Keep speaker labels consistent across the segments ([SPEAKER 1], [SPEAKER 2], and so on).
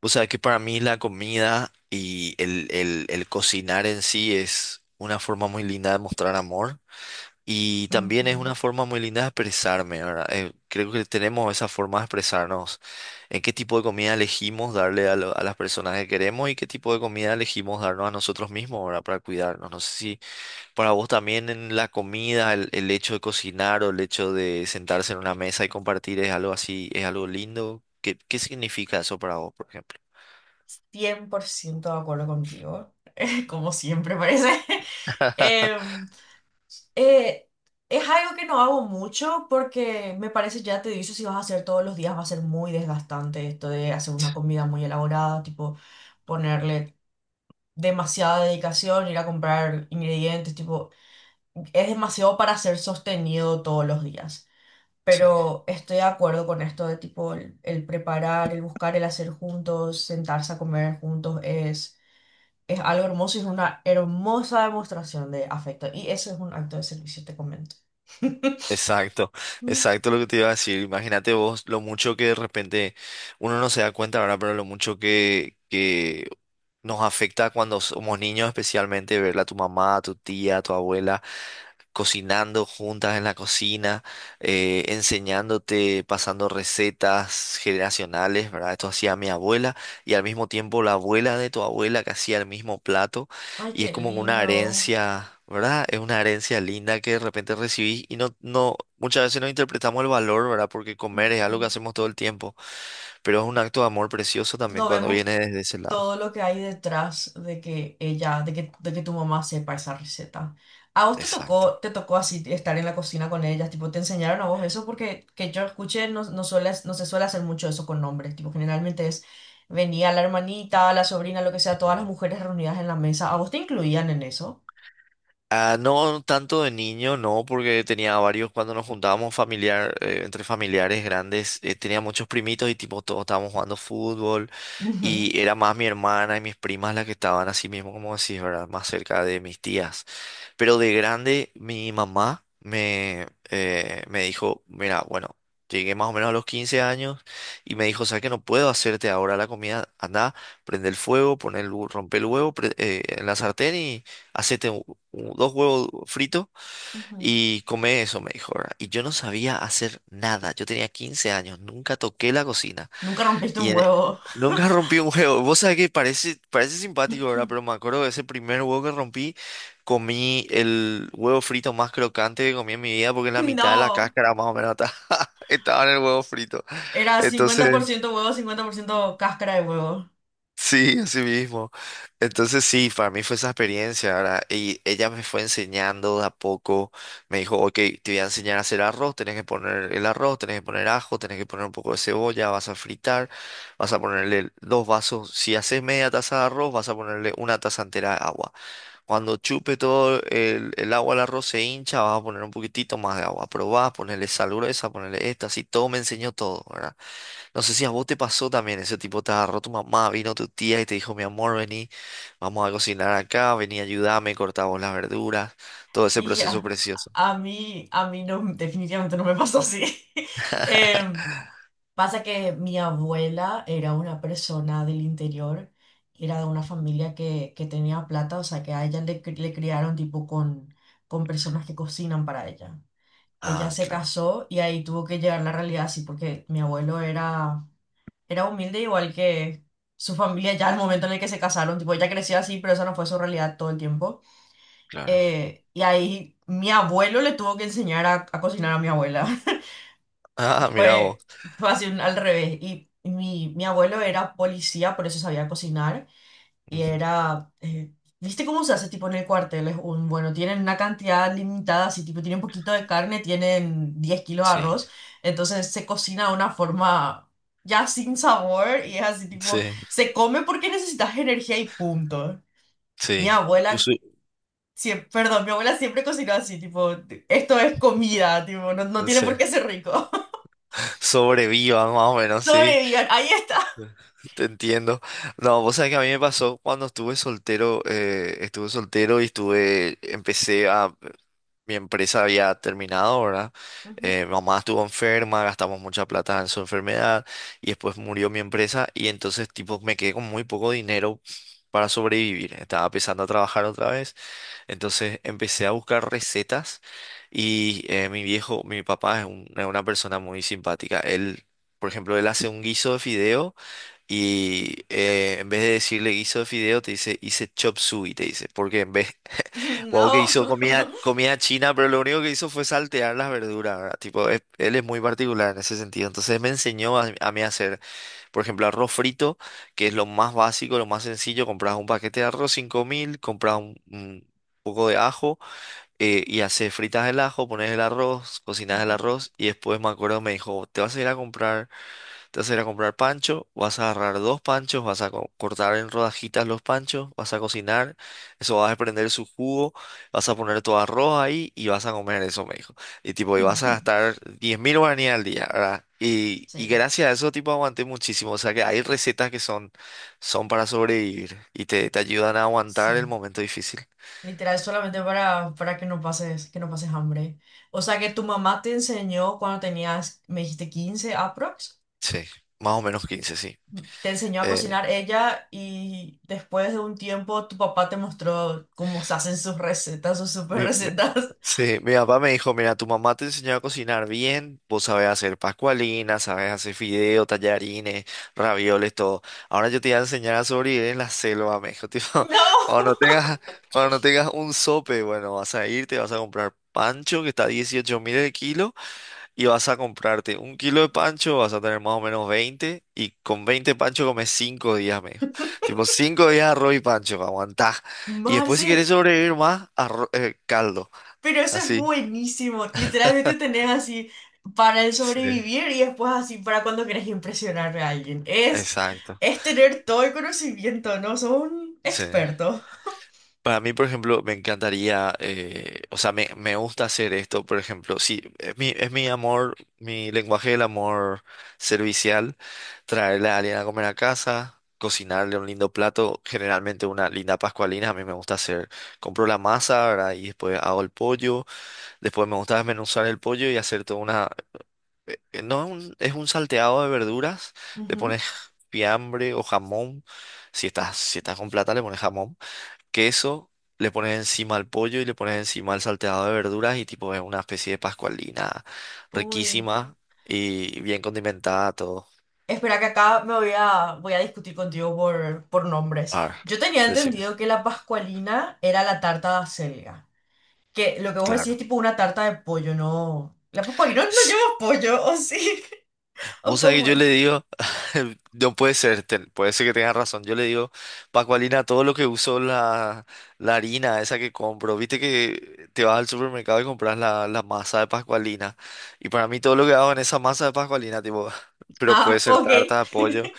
[SPEAKER 1] O sea que para mí la comida y el cocinar en sí es una forma muy linda de mostrar amor y también
[SPEAKER 2] Ujú,
[SPEAKER 1] es una forma muy linda de expresarme, ¿verdad? Creo que tenemos esa forma de expresarnos en qué tipo de comida elegimos darle a, a las personas que queremos y qué tipo de comida elegimos darnos a nosotros mismos, ¿verdad? Para cuidarnos. No sé si para vos también en la comida, el hecho de cocinar o el hecho de sentarse en una mesa y compartir es algo así, es algo lindo. ¿Qué significa eso para vos, por ejemplo?
[SPEAKER 2] 100% de acuerdo contigo, como siempre parece. Em, eh, es algo que no hago mucho porque me parece, ya te dicho, si vas a hacer todos los días va a ser muy desgastante esto de hacer una comida muy elaborada, tipo ponerle demasiada dedicación, ir a comprar ingredientes, tipo, es demasiado para ser sostenido todos los días.
[SPEAKER 1] Sí,
[SPEAKER 2] Pero estoy de acuerdo con esto de tipo el preparar, el buscar, el hacer juntos, sentarse a comer juntos, es algo hermoso y es una hermosa demostración de afecto. Y eso es un acto de servicio, te comento.
[SPEAKER 1] exacto, exacto lo que te iba a decir. Imagínate vos lo mucho que de repente uno no se da cuenta, ¿verdad? Pero lo mucho que nos afecta cuando somos niños, especialmente verla a tu mamá, a tu tía, a tu abuela, cocinando juntas en la cocina, enseñándote, pasando recetas generacionales, ¿verdad? Esto hacía mi abuela y al mismo tiempo la abuela de tu abuela que hacía el mismo plato
[SPEAKER 2] Ay,
[SPEAKER 1] y es
[SPEAKER 2] qué
[SPEAKER 1] como una
[SPEAKER 2] lindo.
[SPEAKER 1] herencia, ¿verdad? Es una herencia linda que de repente recibís y muchas veces no interpretamos el valor, ¿verdad? Porque comer es
[SPEAKER 2] Ujú.
[SPEAKER 1] algo que hacemos todo el tiempo, pero es un acto de amor precioso también
[SPEAKER 2] Nos
[SPEAKER 1] cuando
[SPEAKER 2] vemos
[SPEAKER 1] viene desde ese
[SPEAKER 2] todo
[SPEAKER 1] lado.
[SPEAKER 2] lo que hay detrás de que ella, de que tu mamá sepa esa receta. ¿A vos te
[SPEAKER 1] Exacto.
[SPEAKER 2] tocó, te tocó así estar en la cocina con ellas? Tipo, ¿te enseñaron a vos eso? Porque que yo escuché, no, no, no se suele hacer mucho eso con hombres. Tipo, generalmente es, venía la hermanita, la sobrina, lo que sea, todas las mujeres reunidas en la mesa. ¿A vos te incluían en eso?
[SPEAKER 1] Ah, no tanto de niño, no, porque tenía varios, cuando nos juntábamos familiar, entre familiares grandes, tenía muchos primitos y tipo todos estábamos jugando fútbol
[SPEAKER 2] Ujú,
[SPEAKER 1] y era más mi hermana y mis primas las que estaban así mismo, como decís, ¿verdad? Más cerca de mis tías. Pero de grande, mi mamá me, me dijo, mira, bueno, llegué más o menos a los 15 años y me dijo, ¿sabes que no puedo hacerte ahora la comida? Anda, prende el fuego, pon el, rompe el huevo en la sartén y hacete u- dos huevos fritos
[SPEAKER 2] ujú.
[SPEAKER 1] y come eso, me dijo, ¿verdad? Y yo no sabía hacer nada, yo tenía 15 años, nunca toqué la cocina.
[SPEAKER 2] Nunca rompiste
[SPEAKER 1] Y
[SPEAKER 2] un
[SPEAKER 1] en- e,
[SPEAKER 2] huevo.
[SPEAKER 1] Nunca rompí un huevo. Vos sabés que parece simpático, ¿verdad? Pero me acuerdo de ese primer huevo que rompí, comí el huevo frito más crocante que comí en mi vida porque la mitad de la
[SPEAKER 2] No,
[SPEAKER 1] cáscara más o menos estaba, estaba en el huevo frito.
[SPEAKER 2] era cincuenta
[SPEAKER 1] Entonces...
[SPEAKER 2] por ciento huevo, 50% cáscara de huevo.
[SPEAKER 1] Sí, así mismo. Entonces sí, para mí fue esa experiencia, ¿verdad? Y ella me fue enseñando de a poco, me dijo, ok, te voy a enseñar a hacer arroz, tenés que poner el arroz, tenés que poner ajo, tenés que poner un poco de cebolla, vas a fritar, vas a ponerle dos vasos, si haces media taza de arroz, vas a ponerle una taza entera de agua. Cuando chupe todo el agua al arroz se hincha, vas a poner un poquitito más de agua. Probás, ponerle sal gruesa, ponerle esta, así todo me enseñó todo, ¿verdad? No sé si a vos te pasó también, ese tipo te agarró tu mamá, vino tu tía y te dijo, mi amor, vení, vamos a cocinar acá, vení, ayúdame, cortamos las verduras, todo ese
[SPEAKER 2] Y
[SPEAKER 1] proceso
[SPEAKER 2] a,
[SPEAKER 1] precioso.
[SPEAKER 2] a mí, a mí no, definitivamente no me pasó así. Em, pasa que mi abuela era una persona del interior, era de una familia que tenía plata, o sea que a ella le criaron tipo con personas que cocinan para ella. Ella
[SPEAKER 1] Ah,
[SPEAKER 2] se
[SPEAKER 1] claro,
[SPEAKER 2] casó y ahí tuvo que llegar la realidad así, porque mi abuelo era humilde igual que su familia ya al momento en el que se casaron, tipo ella creció así, pero esa no fue su realidad todo el tiempo.
[SPEAKER 1] claro.
[SPEAKER 2] Y ahí mi abuelo le tuvo que enseñar a cocinar a mi abuela.
[SPEAKER 1] Ah, mira vos.
[SPEAKER 2] Fue, fue así al revés. Y mi abuelo era policía, por eso sabía cocinar. Y
[SPEAKER 1] Ujú.
[SPEAKER 2] era, eh, ¿Viste cómo se hace tipo en el cuartel? Es un, bueno, tienen una cantidad limitada, así tipo tienen poquito de carne, tienen 10 kilos de
[SPEAKER 1] Sí,
[SPEAKER 2] arroz. Entonces se cocina de una forma ya sin sabor y es así tipo,
[SPEAKER 1] sí,
[SPEAKER 2] se come porque necesitas energía y punto. Mi
[SPEAKER 1] sí. Cu-
[SPEAKER 2] abuela mi abuela siempre cocinó así, tipo, esto es comida, tipo, no, no tiene
[SPEAKER 1] sí.
[SPEAKER 2] por qué ser rico.
[SPEAKER 1] Sobreviva más o menos, sí.
[SPEAKER 2] Sobrevivan, ahí está.
[SPEAKER 1] Te entiendo. No, vos sabés que a mí me pasó cuando estuve soltero y estuve, empecé a, mi empresa había terminado, ¿verdad? Mi mamá estuvo enferma, gastamos mucha plata en su enfermedad y después murió mi empresa y entonces tipo me quedé con muy poco dinero para sobrevivir. Estaba empezando a trabajar otra vez entonces empecé a buscar recetas y mi viejo, mi papá es una persona muy simpática. Él, por ejemplo, él hace un guiso de fideo y en vez de decirle guiso de fideo te dice hice chop suey, te dice, porque en vez, wow, que
[SPEAKER 2] No.
[SPEAKER 1] hizo comida, comida china, pero lo único que hizo fue saltear las verduras, ¿verdad? Tipo, él es muy particular en ese sentido. Entonces me enseñó a mí a hacer por ejemplo, arroz frito, que es lo más básico, lo más sencillo, compras un paquete de arroz 5000, compras un poco de ajo, y haces fritas el ajo, pones el arroz, cocinas el arroz y después me acuerdo me dijo, te vas a ir a comprar pancho, vas a agarrar dos panchos, vas a cortar en rodajitas los panchos, vas a cocinar, eso vas a prender su jugo, vas a poner tu arroz ahí y vas a comer eso, me dijo. Y tipo, y vas a
[SPEAKER 2] Ujú.
[SPEAKER 1] gastar 10 mil guaraníes al día, ¿verdad? Y
[SPEAKER 2] Sí,
[SPEAKER 1] gracias a eso, tipo, aguanté muchísimo. O sea que hay recetas que son, son para sobrevivir y te ayudan a aguantar el
[SPEAKER 2] sí.
[SPEAKER 1] momento difícil.
[SPEAKER 2] Literal, solamente para que no pases hambre. O sea que tu mamá te enseñó cuando tenías, me dijiste 15 aprox,
[SPEAKER 1] Sí, más o menos 15, sí.
[SPEAKER 2] te enseñó a
[SPEAKER 1] Eh,
[SPEAKER 2] cocinar ella y después de un tiempo tu papá te mostró cómo se hacen sus recetas, sus super
[SPEAKER 1] mi-
[SPEAKER 2] recetas.
[SPEAKER 1] Sí, mi papá me dijo, mira, tu mamá te enseñó a cocinar bien, vos sabés hacer pascualinas, sabés hacer fideos, tallarines, ravioles, todo. Ahora yo te voy a enseñar a sobrevivir en la selva, me dijo, tipo, cuando
[SPEAKER 2] No,
[SPEAKER 1] no tengas, cuando no tengas un sope, bueno, vas a irte, vas a comprar pancho, que está a 18 mil el kilo, y vas a comprarte un kilo de pancho, vas a tener más o menos 20 y con 20 pancho comes 5 días, me dijo. Tipo, 5 días arroz y pancho, aguantá. Y después
[SPEAKER 2] Marce,
[SPEAKER 1] si querés sobrevivir más, caldo.
[SPEAKER 2] pero eso es
[SPEAKER 1] Así.
[SPEAKER 2] buenísimo. Literalmente tenés así para el
[SPEAKER 1] Sí,
[SPEAKER 2] sobrevivir y después así para cuando querés impresionar a alguien. Es,
[SPEAKER 1] exacto.
[SPEAKER 2] es tener todo el conocimiento, ¿no? Sos un
[SPEAKER 1] Sí.
[SPEAKER 2] experto.
[SPEAKER 1] Para mí, por ejemplo, me encantaría, o sea, me gusta hacer esto, por ejemplo, sí, es mi amor, mi lenguaje del amor servicial, traerle a alguien a comer a casa, cocinarle un lindo plato, generalmente una linda pascualina, a mí me gusta hacer, compro la masa, ¿verdad? Y después hago el pollo, después me gusta desmenuzar el pollo y hacer toda una que No es un, es un salteado de verduras, le
[SPEAKER 2] Ujú.
[SPEAKER 1] pones fiambre o jamón, si estás con plata le pones jamón, queso, le pones encima el pollo y le pones encima el salteado de verduras y tipo es una especie de pascualina
[SPEAKER 2] Uy.
[SPEAKER 1] riquísima y bien condimentada todo.
[SPEAKER 2] Espera que acá me voy a discutir contigo por
[SPEAKER 1] A
[SPEAKER 2] nombres.
[SPEAKER 1] ver,
[SPEAKER 2] Yo tenía
[SPEAKER 1] decime.
[SPEAKER 2] entendido que la pascualina era la tarta de acelga. Que lo que vos decís es
[SPEAKER 1] Claro.
[SPEAKER 2] tipo una tarta de pollo, ¿no? La pascualina no lleva pollo, ¿o sí? ¿O
[SPEAKER 1] Vos sabés
[SPEAKER 2] cómo
[SPEAKER 1] que yo le
[SPEAKER 2] es?
[SPEAKER 1] digo, no puede ser, puede ser que tengas razón. Yo le digo, Pacualina, todo lo que uso la harina esa que compro, viste que te vas al supermercado y compras la masa de Pascualina. Y para mí todo lo que hago en esa masa de Pascualina, tipo, pero puede
[SPEAKER 2] Ah,
[SPEAKER 1] ser
[SPEAKER 2] ok.
[SPEAKER 1] tarta de pollo,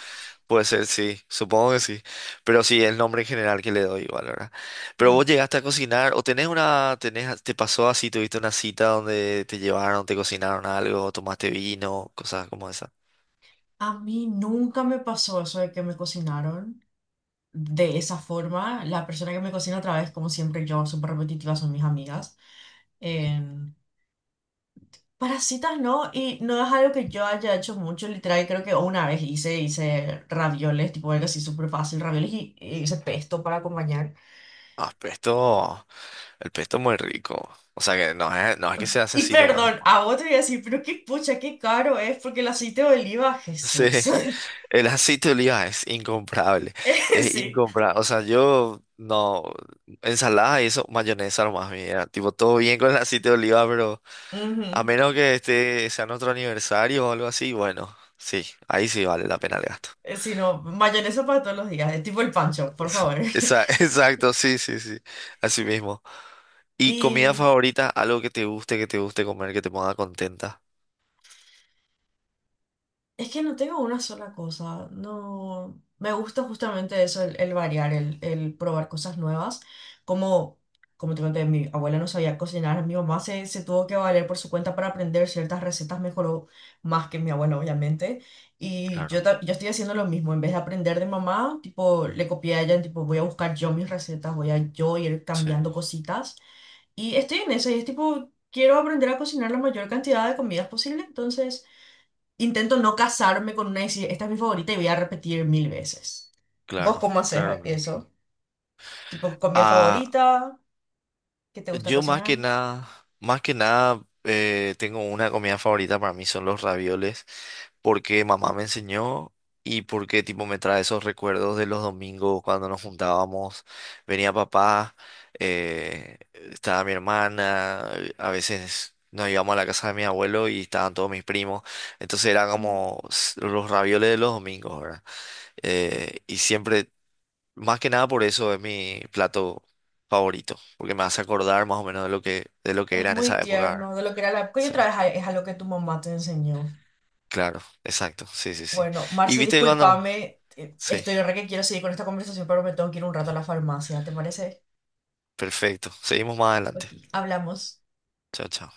[SPEAKER 1] puede ser, sí, supongo que sí. Pero sí, el nombre en general que le doy igual, ¿verdad? Pero vos llegaste a cocinar, o tenés una, tenés, te pasó así, tuviste una cita donde te llevaron, te cocinaron algo, tomaste vino, cosas como esas.
[SPEAKER 2] A mí nunca me pasó eso de que me cocinaron de esa forma. La persona que me cocina otra vez, como siempre yo, súper repetitiva, son mis amigas. Em, Parasitas no, y no es algo que yo haya hecho mucho, literal, creo que una vez hice ravioles, tipo algo así súper fácil, ravioles y hice pesto para acompañar.
[SPEAKER 1] Ah, pesto, el pesto muy rico. O sea que no es, no es que se hace
[SPEAKER 2] Y
[SPEAKER 1] así nomás, ¿no?
[SPEAKER 2] perdón, a vos te voy a decir, pero qué pucha, qué caro es, porque el aceite de oliva,
[SPEAKER 1] Sí,
[SPEAKER 2] Jesús.
[SPEAKER 1] el aceite de oliva es incomparable. Es
[SPEAKER 2] Sí,
[SPEAKER 1] incomparable. O sea, yo no, ensalada y eso, mayonesa nomás, mira. Tipo, todo bien con el aceite de oliva, pero a
[SPEAKER 2] ujú.
[SPEAKER 1] menos que este sea nuestro aniversario o algo así, bueno, sí, ahí sí vale la pena el gasto.
[SPEAKER 2] Sí, no, mayonesa para todos los días, es tipo el pancho, por favor.
[SPEAKER 1] Exacto, sí, sí, sí. Así mismo. ¿Y comida
[SPEAKER 2] Y
[SPEAKER 1] favorita? Algo que te guste comer, que te ponga contenta.
[SPEAKER 2] es que no tengo una sola cosa, no, me gusta justamente eso, el variar, el probar cosas nuevas, como, como te conté, mi abuela no sabía cocinar, mi mamá se tuvo que valer por su cuenta para aprender ciertas recetas, mejoró más que mi abuela, obviamente, y yo,
[SPEAKER 1] Claro.
[SPEAKER 2] ta- yo estoy haciendo lo mismo, en vez de aprender de mamá, tipo, le copié a ella, tipo, voy a buscar yo mis recetas, voy a yo ir
[SPEAKER 1] Sí.
[SPEAKER 2] cambiando cositas, y estoy en eso, y es tipo, quiero aprender a cocinar la mayor cantidad de comidas posible, entonces. Intento no casarme con una y decir, esta es mi favorita y voy a repetir mil veces. ¿Vos
[SPEAKER 1] Claro,
[SPEAKER 2] cómo haces
[SPEAKER 1] claro, claro.
[SPEAKER 2] eso? Tipo, comida
[SPEAKER 1] Ah,
[SPEAKER 2] favorita, ¿qué te gusta
[SPEAKER 1] yo más que
[SPEAKER 2] cocinar?
[SPEAKER 1] nada, más que nada, tengo una comida favorita, para mí son los ravioles, porque mamá me enseñó y porque tipo me trae esos recuerdos de los domingos cuando nos juntábamos, venía papá, estaba mi hermana, a veces nos íbamos a la casa de mi abuelo y estaban todos mis primos, entonces eran
[SPEAKER 2] Mm.
[SPEAKER 1] como los ravioles de los domingos, ¿verdad? Y siempre Más que nada por eso es mi plato favorito, porque me hace acordar más o menos de lo que
[SPEAKER 2] Es
[SPEAKER 1] era en
[SPEAKER 2] muy
[SPEAKER 1] esa época, ¿verdad?
[SPEAKER 2] tierno, de lo que era la época. Y
[SPEAKER 1] Sí,
[SPEAKER 2] otra vez es algo que tu mamá te enseñó.
[SPEAKER 1] claro, exacto, sí, sí, sí.
[SPEAKER 2] Bueno,
[SPEAKER 1] Y
[SPEAKER 2] Marce,
[SPEAKER 1] viste cuando...
[SPEAKER 2] discúlpame,
[SPEAKER 1] Sí,
[SPEAKER 2] estoy re que quiero seguir con esta conversación, pero me tengo que ir un rato a la farmacia, ¿te parece?
[SPEAKER 1] perfecto. Seguimos más adelante.
[SPEAKER 2] Ok, hablamos.
[SPEAKER 1] Chao, chao.